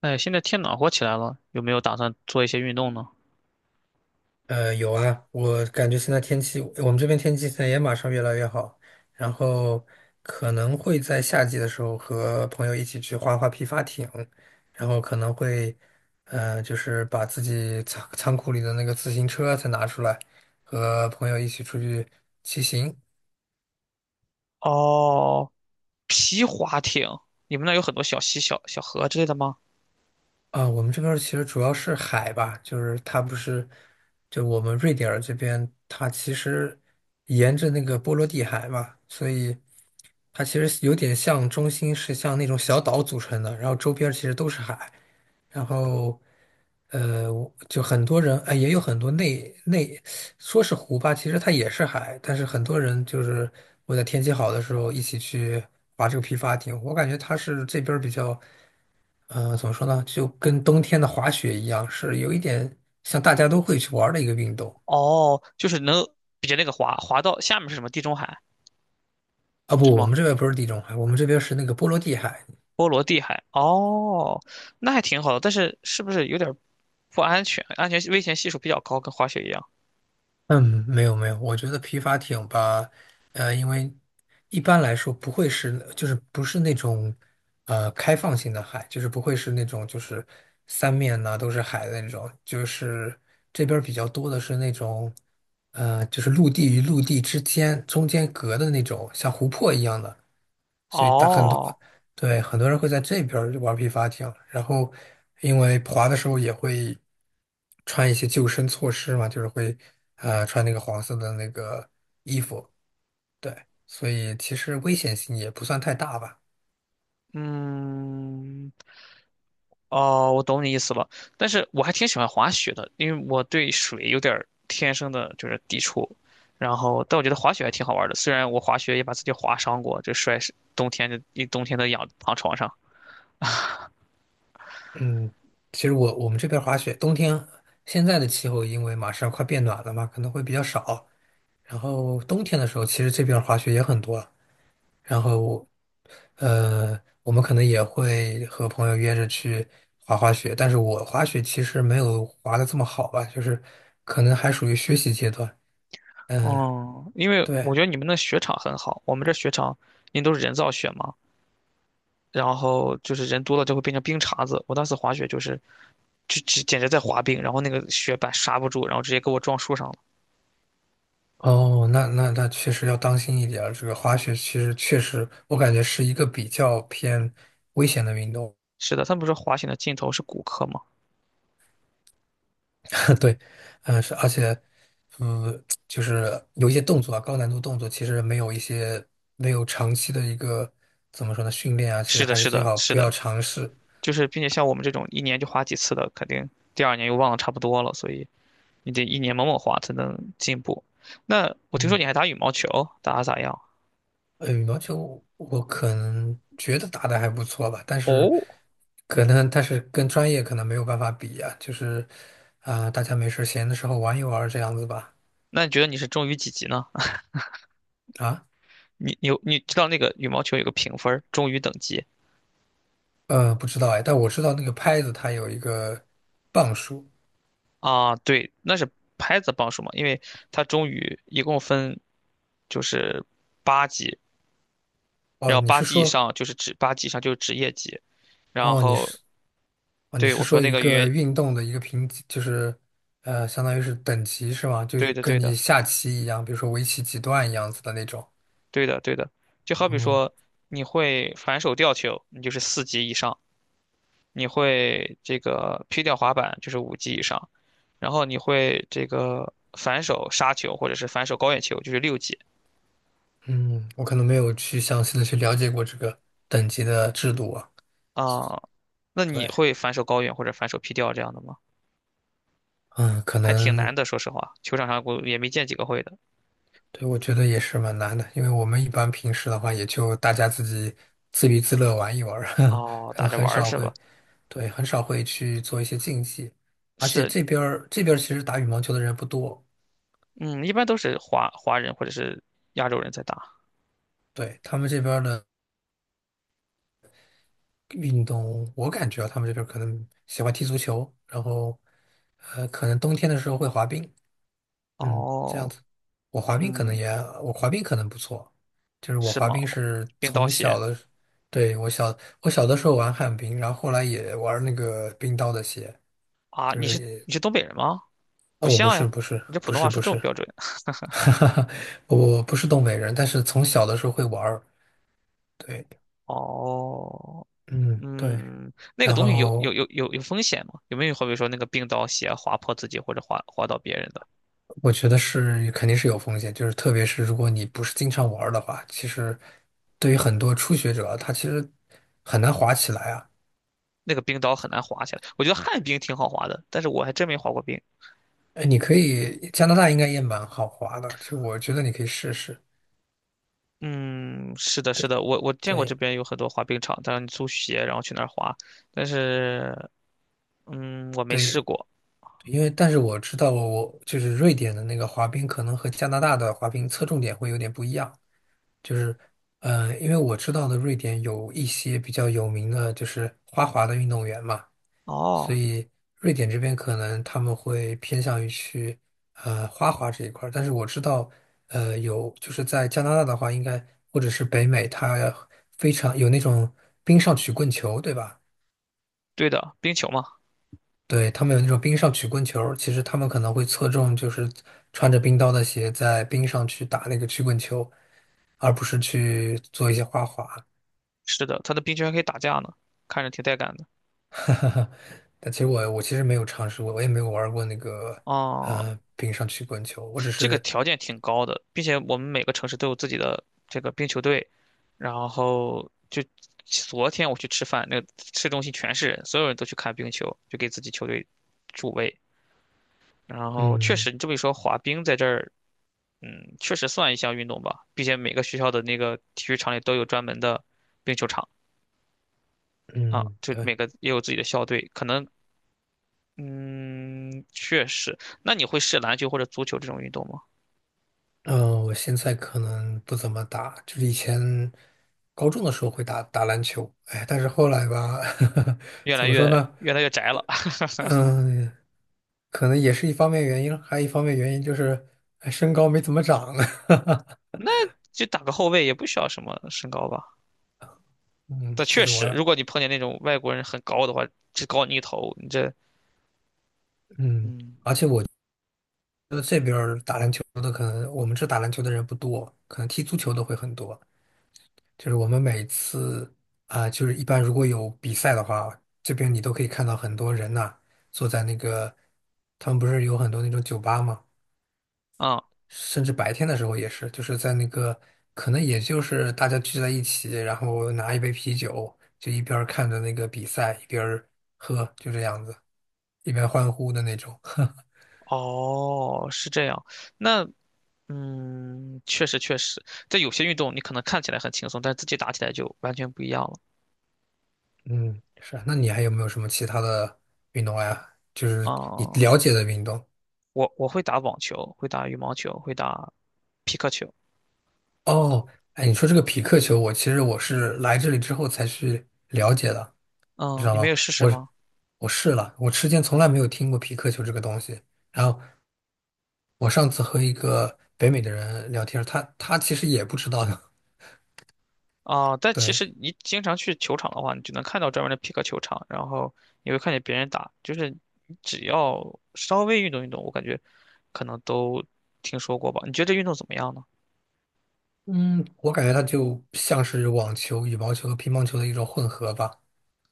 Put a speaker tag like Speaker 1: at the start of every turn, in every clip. Speaker 1: 哎，现在天暖和起来了，有没有打算做一些运动呢？
Speaker 2: 有啊，我感觉现在天气，我们这边天气现在也马上越来越好，然后可能会在夏季的时候和朋友一起去划划皮划艇，然后可能会，就是把自己仓库里的那个自行车再拿出来，和朋友一起出去骑行。
Speaker 1: 哦，皮划艇，你们那儿有很多小溪、小河之类的吗？
Speaker 2: 啊，我们这边儿其实主要是海吧，就是它不是，就我们瑞典儿这边，它其实沿着那个波罗的海嘛，所以它其实有点像中心是像那种小岛组成的，然后周边儿其实都是海，然后我就很多人，哎，也有很多内说是湖吧，其实它也是海，但是很多人就是我在天气好的时候一起去划这个皮划艇，我感觉它是这边儿比较。怎么说呢？就跟冬天的滑雪一样，是有一点像大家都会去玩儿的一个运动。
Speaker 1: 哦，就是能比那个滑到下面是什么？地中海
Speaker 2: 啊，
Speaker 1: 是
Speaker 2: 不，我
Speaker 1: 吗？
Speaker 2: 们这边不是地中海，我们这边是那个波罗的海。
Speaker 1: 波罗的海。哦，那还挺好的，但是是不是有点儿不安全？安全危险系数比较高，跟滑雪一样。
Speaker 2: 嗯，没有没有，我觉得皮划艇吧，因为一般来说不会是，就是不是那种开放性的海，就是不会是那种就是三面呐、都是海的那种，就是这边儿比较多的是那种就是陆地与陆地之间中间隔的那种像湖泊一样的。所以大很多，
Speaker 1: 哦，
Speaker 2: 对，很多人会在这边儿玩皮划艇，然后因为滑的时候也会穿一些救生措施嘛，就是会穿那个黄色的那个衣服，对，所以其实危险性也不算太大吧。
Speaker 1: 嗯，哦，我懂你意思了，但是我还挺喜欢滑雪的，因为我对水有点儿天生的就是抵触，然后但我觉得滑雪还挺好玩儿的，虽然我滑雪也把自己划伤过，就摔是冬天就一冬天都养躺床上。
Speaker 2: 嗯，其实我们这边滑雪，冬天现在的气候因为马上快变暖了嘛，可能会比较少，然后冬天的时候其实这边滑雪也很多。然后我，我们可能也会和朋友约着去滑滑雪，但是我滑雪其实没有滑的这么好吧，就是可能还属于学习阶段。嗯，
Speaker 1: 哦，因为我
Speaker 2: 对。
Speaker 1: 觉得你们那雪场很好，我们这雪场因为都是人造雪嘛，然后就是人多了就会变成冰碴子。我当时滑雪就是，就只简直在滑冰，然后那个雪板刹不住，然后直接给我撞树上了。
Speaker 2: 哦，那确实要当心一点儿。这个滑雪其实确实，我感觉是一个比较偏危险的运动。
Speaker 1: 是的，他们不是说滑雪的尽头是骨科吗？
Speaker 2: 对，嗯，是，而且，嗯，就是有一些动作啊，高难度动作，其实没有一些没有长期的一个怎么说呢训练啊，其
Speaker 1: 是
Speaker 2: 实
Speaker 1: 的，
Speaker 2: 还是
Speaker 1: 是
Speaker 2: 最
Speaker 1: 的，
Speaker 2: 好
Speaker 1: 是
Speaker 2: 不要
Speaker 1: 的，
Speaker 2: 尝试。
Speaker 1: 就是并且像我们这种一年就花几次的，肯定第二年又忘了差不多了，所以你得一年猛猛花才能进步。那我听说
Speaker 2: 嗯，
Speaker 1: 你还打羽毛球，打得咋样？
Speaker 2: 羽毛球我可能觉得打的还不错吧，但是
Speaker 1: 哦，
Speaker 2: 可能但是跟专业可能没有办法比啊，就是啊、大家没事儿闲的时候玩一玩儿这样子吧。
Speaker 1: 那你觉得你是中于几级呢？
Speaker 2: 啊，
Speaker 1: 你知道那个羽毛球有个评分儿，中于等级
Speaker 2: 不知道哎，但我知道那个拍子它有一个磅数。
Speaker 1: 啊？对，那是拍子磅数嘛，因为它中于一共分就是八级，然
Speaker 2: 哦，
Speaker 1: 后
Speaker 2: 你是说，
Speaker 1: 八级以上就是职业级，然
Speaker 2: 哦，你
Speaker 1: 后
Speaker 2: 是。哦，你
Speaker 1: 对
Speaker 2: 是
Speaker 1: 我说
Speaker 2: 说
Speaker 1: 那
Speaker 2: 一
Speaker 1: 个
Speaker 2: 个运动的一个评级，就是相当于是等级是吗？就是
Speaker 1: 对的对
Speaker 2: 跟你
Speaker 1: 的。
Speaker 2: 下棋一样，比如说围棋几段一样子的那种。
Speaker 1: 对的，对的。就好比
Speaker 2: 哦，
Speaker 1: 说，你会反手吊球，你就是四级以上；你会这个劈吊滑板，就是五级以上；然后你会这个反手杀球或者是反手高远球，就是六级
Speaker 2: 嗯，我可能没有去详细的去了解过这个等级的制度啊。
Speaker 1: 啊。那你
Speaker 2: 对，
Speaker 1: 会反手高远或者反手劈吊这样的吗？
Speaker 2: 嗯，可
Speaker 1: 还挺难
Speaker 2: 能，
Speaker 1: 的，说实话，球场上我也没见几个会的。
Speaker 2: 对，我觉得也是蛮难的，因为我们一般平时的话，也就大家自己自娱自乐玩一玩儿，
Speaker 1: 哦，
Speaker 2: 可
Speaker 1: 打
Speaker 2: 能
Speaker 1: 着玩
Speaker 2: 很
Speaker 1: 儿
Speaker 2: 少
Speaker 1: 是吧？
Speaker 2: 会，对，很少会去做一些竞技。而且
Speaker 1: 是，
Speaker 2: 这边儿其实打羽毛球的人不多，
Speaker 1: 嗯，一般都是华人或者是亚洲人在打。
Speaker 2: 对，他们这边儿的。运动，我感觉啊他们这边儿可能喜欢踢足球，然后可能冬天的时候会滑冰，嗯，这样
Speaker 1: 哦，
Speaker 2: 子。我滑冰可能
Speaker 1: 嗯，
Speaker 2: 也，我滑冰可能不错，就是我
Speaker 1: 是
Speaker 2: 滑
Speaker 1: 吗？
Speaker 2: 冰是
Speaker 1: 冰刀
Speaker 2: 从小
Speaker 1: 鞋。
Speaker 2: 的，对，我小我小的时候玩旱冰，然后后来也玩那个冰刀的鞋，
Speaker 1: 啊，
Speaker 2: 就
Speaker 1: 你
Speaker 2: 是
Speaker 1: 是
Speaker 2: 也，
Speaker 1: 你是东北人吗？
Speaker 2: 啊，
Speaker 1: 不
Speaker 2: 我不
Speaker 1: 像
Speaker 2: 是
Speaker 1: 呀，
Speaker 2: 不是
Speaker 1: 你这普
Speaker 2: 不
Speaker 1: 通
Speaker 2: 是
Speaker 1: 话
Speaker 2: 不
Speaker 1: 说这
Speaker 2: 是，
Speaker 1: 么标准。
Speaker 2: 哈哈哈，我不是东北人，但是从小的时候会玩儿，对，
Speaker 1: 哦，
Speaker 2: 嗯对，
Speaker 1: 嗯，那个
Speaker 2: 然
Speaker 1: 东西有有
Speaker 2: 后。
Speaker 1: 有有有风险吗？有没有好比说那个冰刀鞋划破自己或者划到别人的？
Speaker 2: 我觉得是肯定是有风险，就是特别是如果你不是经常玩儿的话，其实对于很多初学者，他其实很难滑起来啊。
Speaker 1: 那个冰刀很难滑下来。我觉得旱冰挺好滑的，但是我还真没滑过冰。
Speaker 2: 哎，你可以，加拿大应该也蛮好滑的，就我觉得你可以试试。
Speaker 1: 嗯，是的，是的，我见过这
Speaker 2: 对
Speaker 1: 边有很多滑冰场，但是你租鞋然后去那儿滑，但是嗯，我没试
Speaker 2: 对，
Speaker 1: 过。
Speaker 2: 因为但是我知道我就是瑞典的那个滑冰，可能和加拿大的滑冰侧重点会有点不一样。就是，因为我知道的瑞典有一些比较有名的，就是花滑的运动员嘛，所
Speaker 1: 哦，
Speaker 2: 以瑞典这边可能他们会偏向于去花滑这一块儿，但是我知道，有就是在加拿大的话，应该或者是北美，它非常有那种冰上曲棍球，对吧？
Speaker 1: 对的，冰球嘛，
Speaker 2: 对，他们有那种冰上曲棍球，其实他们可能会侧重就是穿着冰刀的鞋在冰上去打那个曲棍球，而不是去做一些花滑。
Speaker 1: 是的，他的冰球还可以打架呢，看着挺带感的。
Speaker 2: 但其实我其实没有尝试过，我也没有玩过那个
Speaker 1: 哦，
Speaker 2: 冰上曲棍球，我只
Speaker 1: 这个
Speaker 2: 是
Speaker 1: 条件挺高的，并且我们每个城市都有自己的这个冰球队，然后就昨天我去吃饭，那个市中心全是人，所有人都去看冰球，就给自己球队助威。然后确
Speaker 2: 嗯
Speaker 1: 实，你这么一说，滑冰在这儿，嗯，确实算一项运动吧，并且每个学校的那个体育场里都有专门的冰球场啊，
Speaker 2: 嗯，
Speaker 1: 就
Speaker 2: 对，
Speaker 1: 每个也有自己的校队，可能，嗯，确实。那你会试篮球或者足球这种运动吗？
Speaker 2: 嗯、我现在可能不怎么打，就是以前高中的时候会打打篮球，哎，但是后来吧，
Speaker 1: 越
Speaker 2: 怎
Speaker 1: 来
Speaker 2: 么说
Speaker 1: 越
Speaker 2: 呢？
Speaker 1: 越来越宅了。
Speaker 2: 嗯、可能也是一方面原因，还有一方面原因就是，哎身高没怎么长。
Speaker 1: 就打个后卫也不需要什么身高吧。
Speaker 2: 嗯，
Speaker 1: 但
Speaker 2: 就
Speaker 1: 确
Speaker 2: 是我，
Speaker 1: 实，如果你碰见那种外国人很高的话，只高你一头，你这，
Speaker 2: 嗯，
Speaker 1: 嗯，
Speaker 2: 就是打篮球的可能我们这打篮球的人不多，可能踢足球的会很多。就是我们每次啊、就是一般如果有比赛的话，这边你都可以看到很多人呐、坐在那个，他们不是有很多那种酒吧嘛，
Speaker 1: 啊、
Speaker 2: 甚至白天的时候也是，就是在那个，可能也就是大家聚在一起，然后拿一杯啤酒，就一边儿看着那个比赛，一边儿喝，就这样子，一边欢呼的那种。
Speaker 1: 哦，是这样。那，嗯，确实，在有些运动你可能看起来很轻松，但自己打起来就完全不一样了。
Speaker 2: 嗯，是啊那你还有没有什么其他的运动呀？就是你了
Speaker 1: 啊、
Speaker 2: 解的运动？
Speaker 1: 我会打网球，会打羽毛球，会打皮克球。
Speaker 2: 哦，哎，你说这个匹克球，我其实我是来这里之后才去了解的，你知
Speaker 1: 嗯，
Speaker 2: 道
Speaker 1: 你没
Speaker 2: 吗？
Speaker 1: 有试试
Speaker 2: 我
Speaker 1: 吗？
Speaker 2: 我试了，我之前从来没有听过匹克球这个东西。然后我上次和一个北美的人聊天，他其实也不知道的。
Speaker 1: 啊，但其
Speaker 2: 对，
Speaker 1: 实你经常去球场的话，你就能看到专门的匹克球场，然后你会看见别人打，就是你只要稍微运动运动，我感觉可能都听说过吧？你觉得这运动怎么样呢？
Speaker 2: 嗯，我感觉它就像是网球、羽毛球和乒乓球的一种混合吧，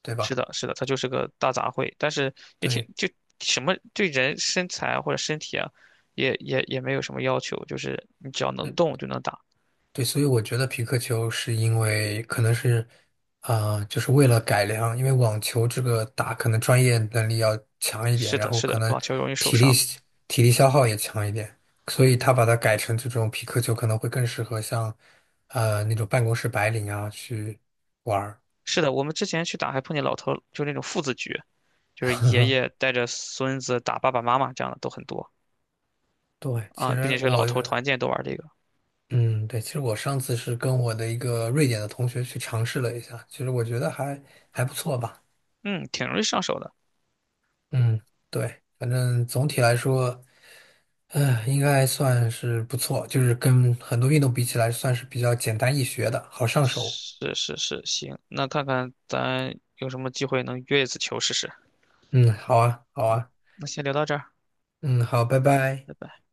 Speaker 2: 对
Speaker 1: 是
Speaker 2: 吧？
Speaker 1: 的，是的，它就是个大杂烩，但是也挺
Speaker 2: 对
Speaker 1: 就什么对人身材或者身体啊，也没有什么要求，就是你只要能
Speaker 2: 对。
Speaker 1: 动就能打。
Speaker 2: 对，所以我觉得皮克球是因为可能是，啊、就是为了改良，因为网球这个打可能专业能力要强一点，
Speaker 1: 是
Speaker 2: 然
Speaker 1: 的，
Speaker 2: 后
Speaker 1: 是
Speaker 2: 可
Speaker 1: 的，
Speaker 2: 能
Speaker 1: 网球容易受
Speaker 2: 体力
Speaker 1: 伤。
Speaker 2: 体力消耗也强一点，所以他把它改成这种皮克球可能会更适合像，那种办公室白领啊去玩儿。
Speaker 1: 是的，我们之前去打还碰见老头儿，就那种父子局，就是爷爷带着孙子打爸爸妈妈这样的都很多。
Speaker 2: 对，其
Speaker 1: 啊，并且
Speaker 2: 实
Speaker 1: 是老
Speaker 2: 我，
Speaker 1: 头团建都玩这个，
Speaker 2: 嗯，对，其实我上次是跟我的一个瑞典的同学去尝试了一下，其实我觉得还还不错吧。
Speaker 1: 嗯，挺容易上手的。
Speaker 2: 嗯，对，反正总体来说。应该算是不错，就是跟很多运动比起来，算是比较简单易学的，好上手。
Speaker 1: 是是是，行，那看看咱有什么机会能约一次球试试。
Speaker 2: 嗯，好啊，好
Speaker 1: 嗯，
Speaker 2: 啊，
Speaker 1: 那先聊到这儿，
Speaker 2: 嗯，好，拜拜。
Speaker 1: 拜拜。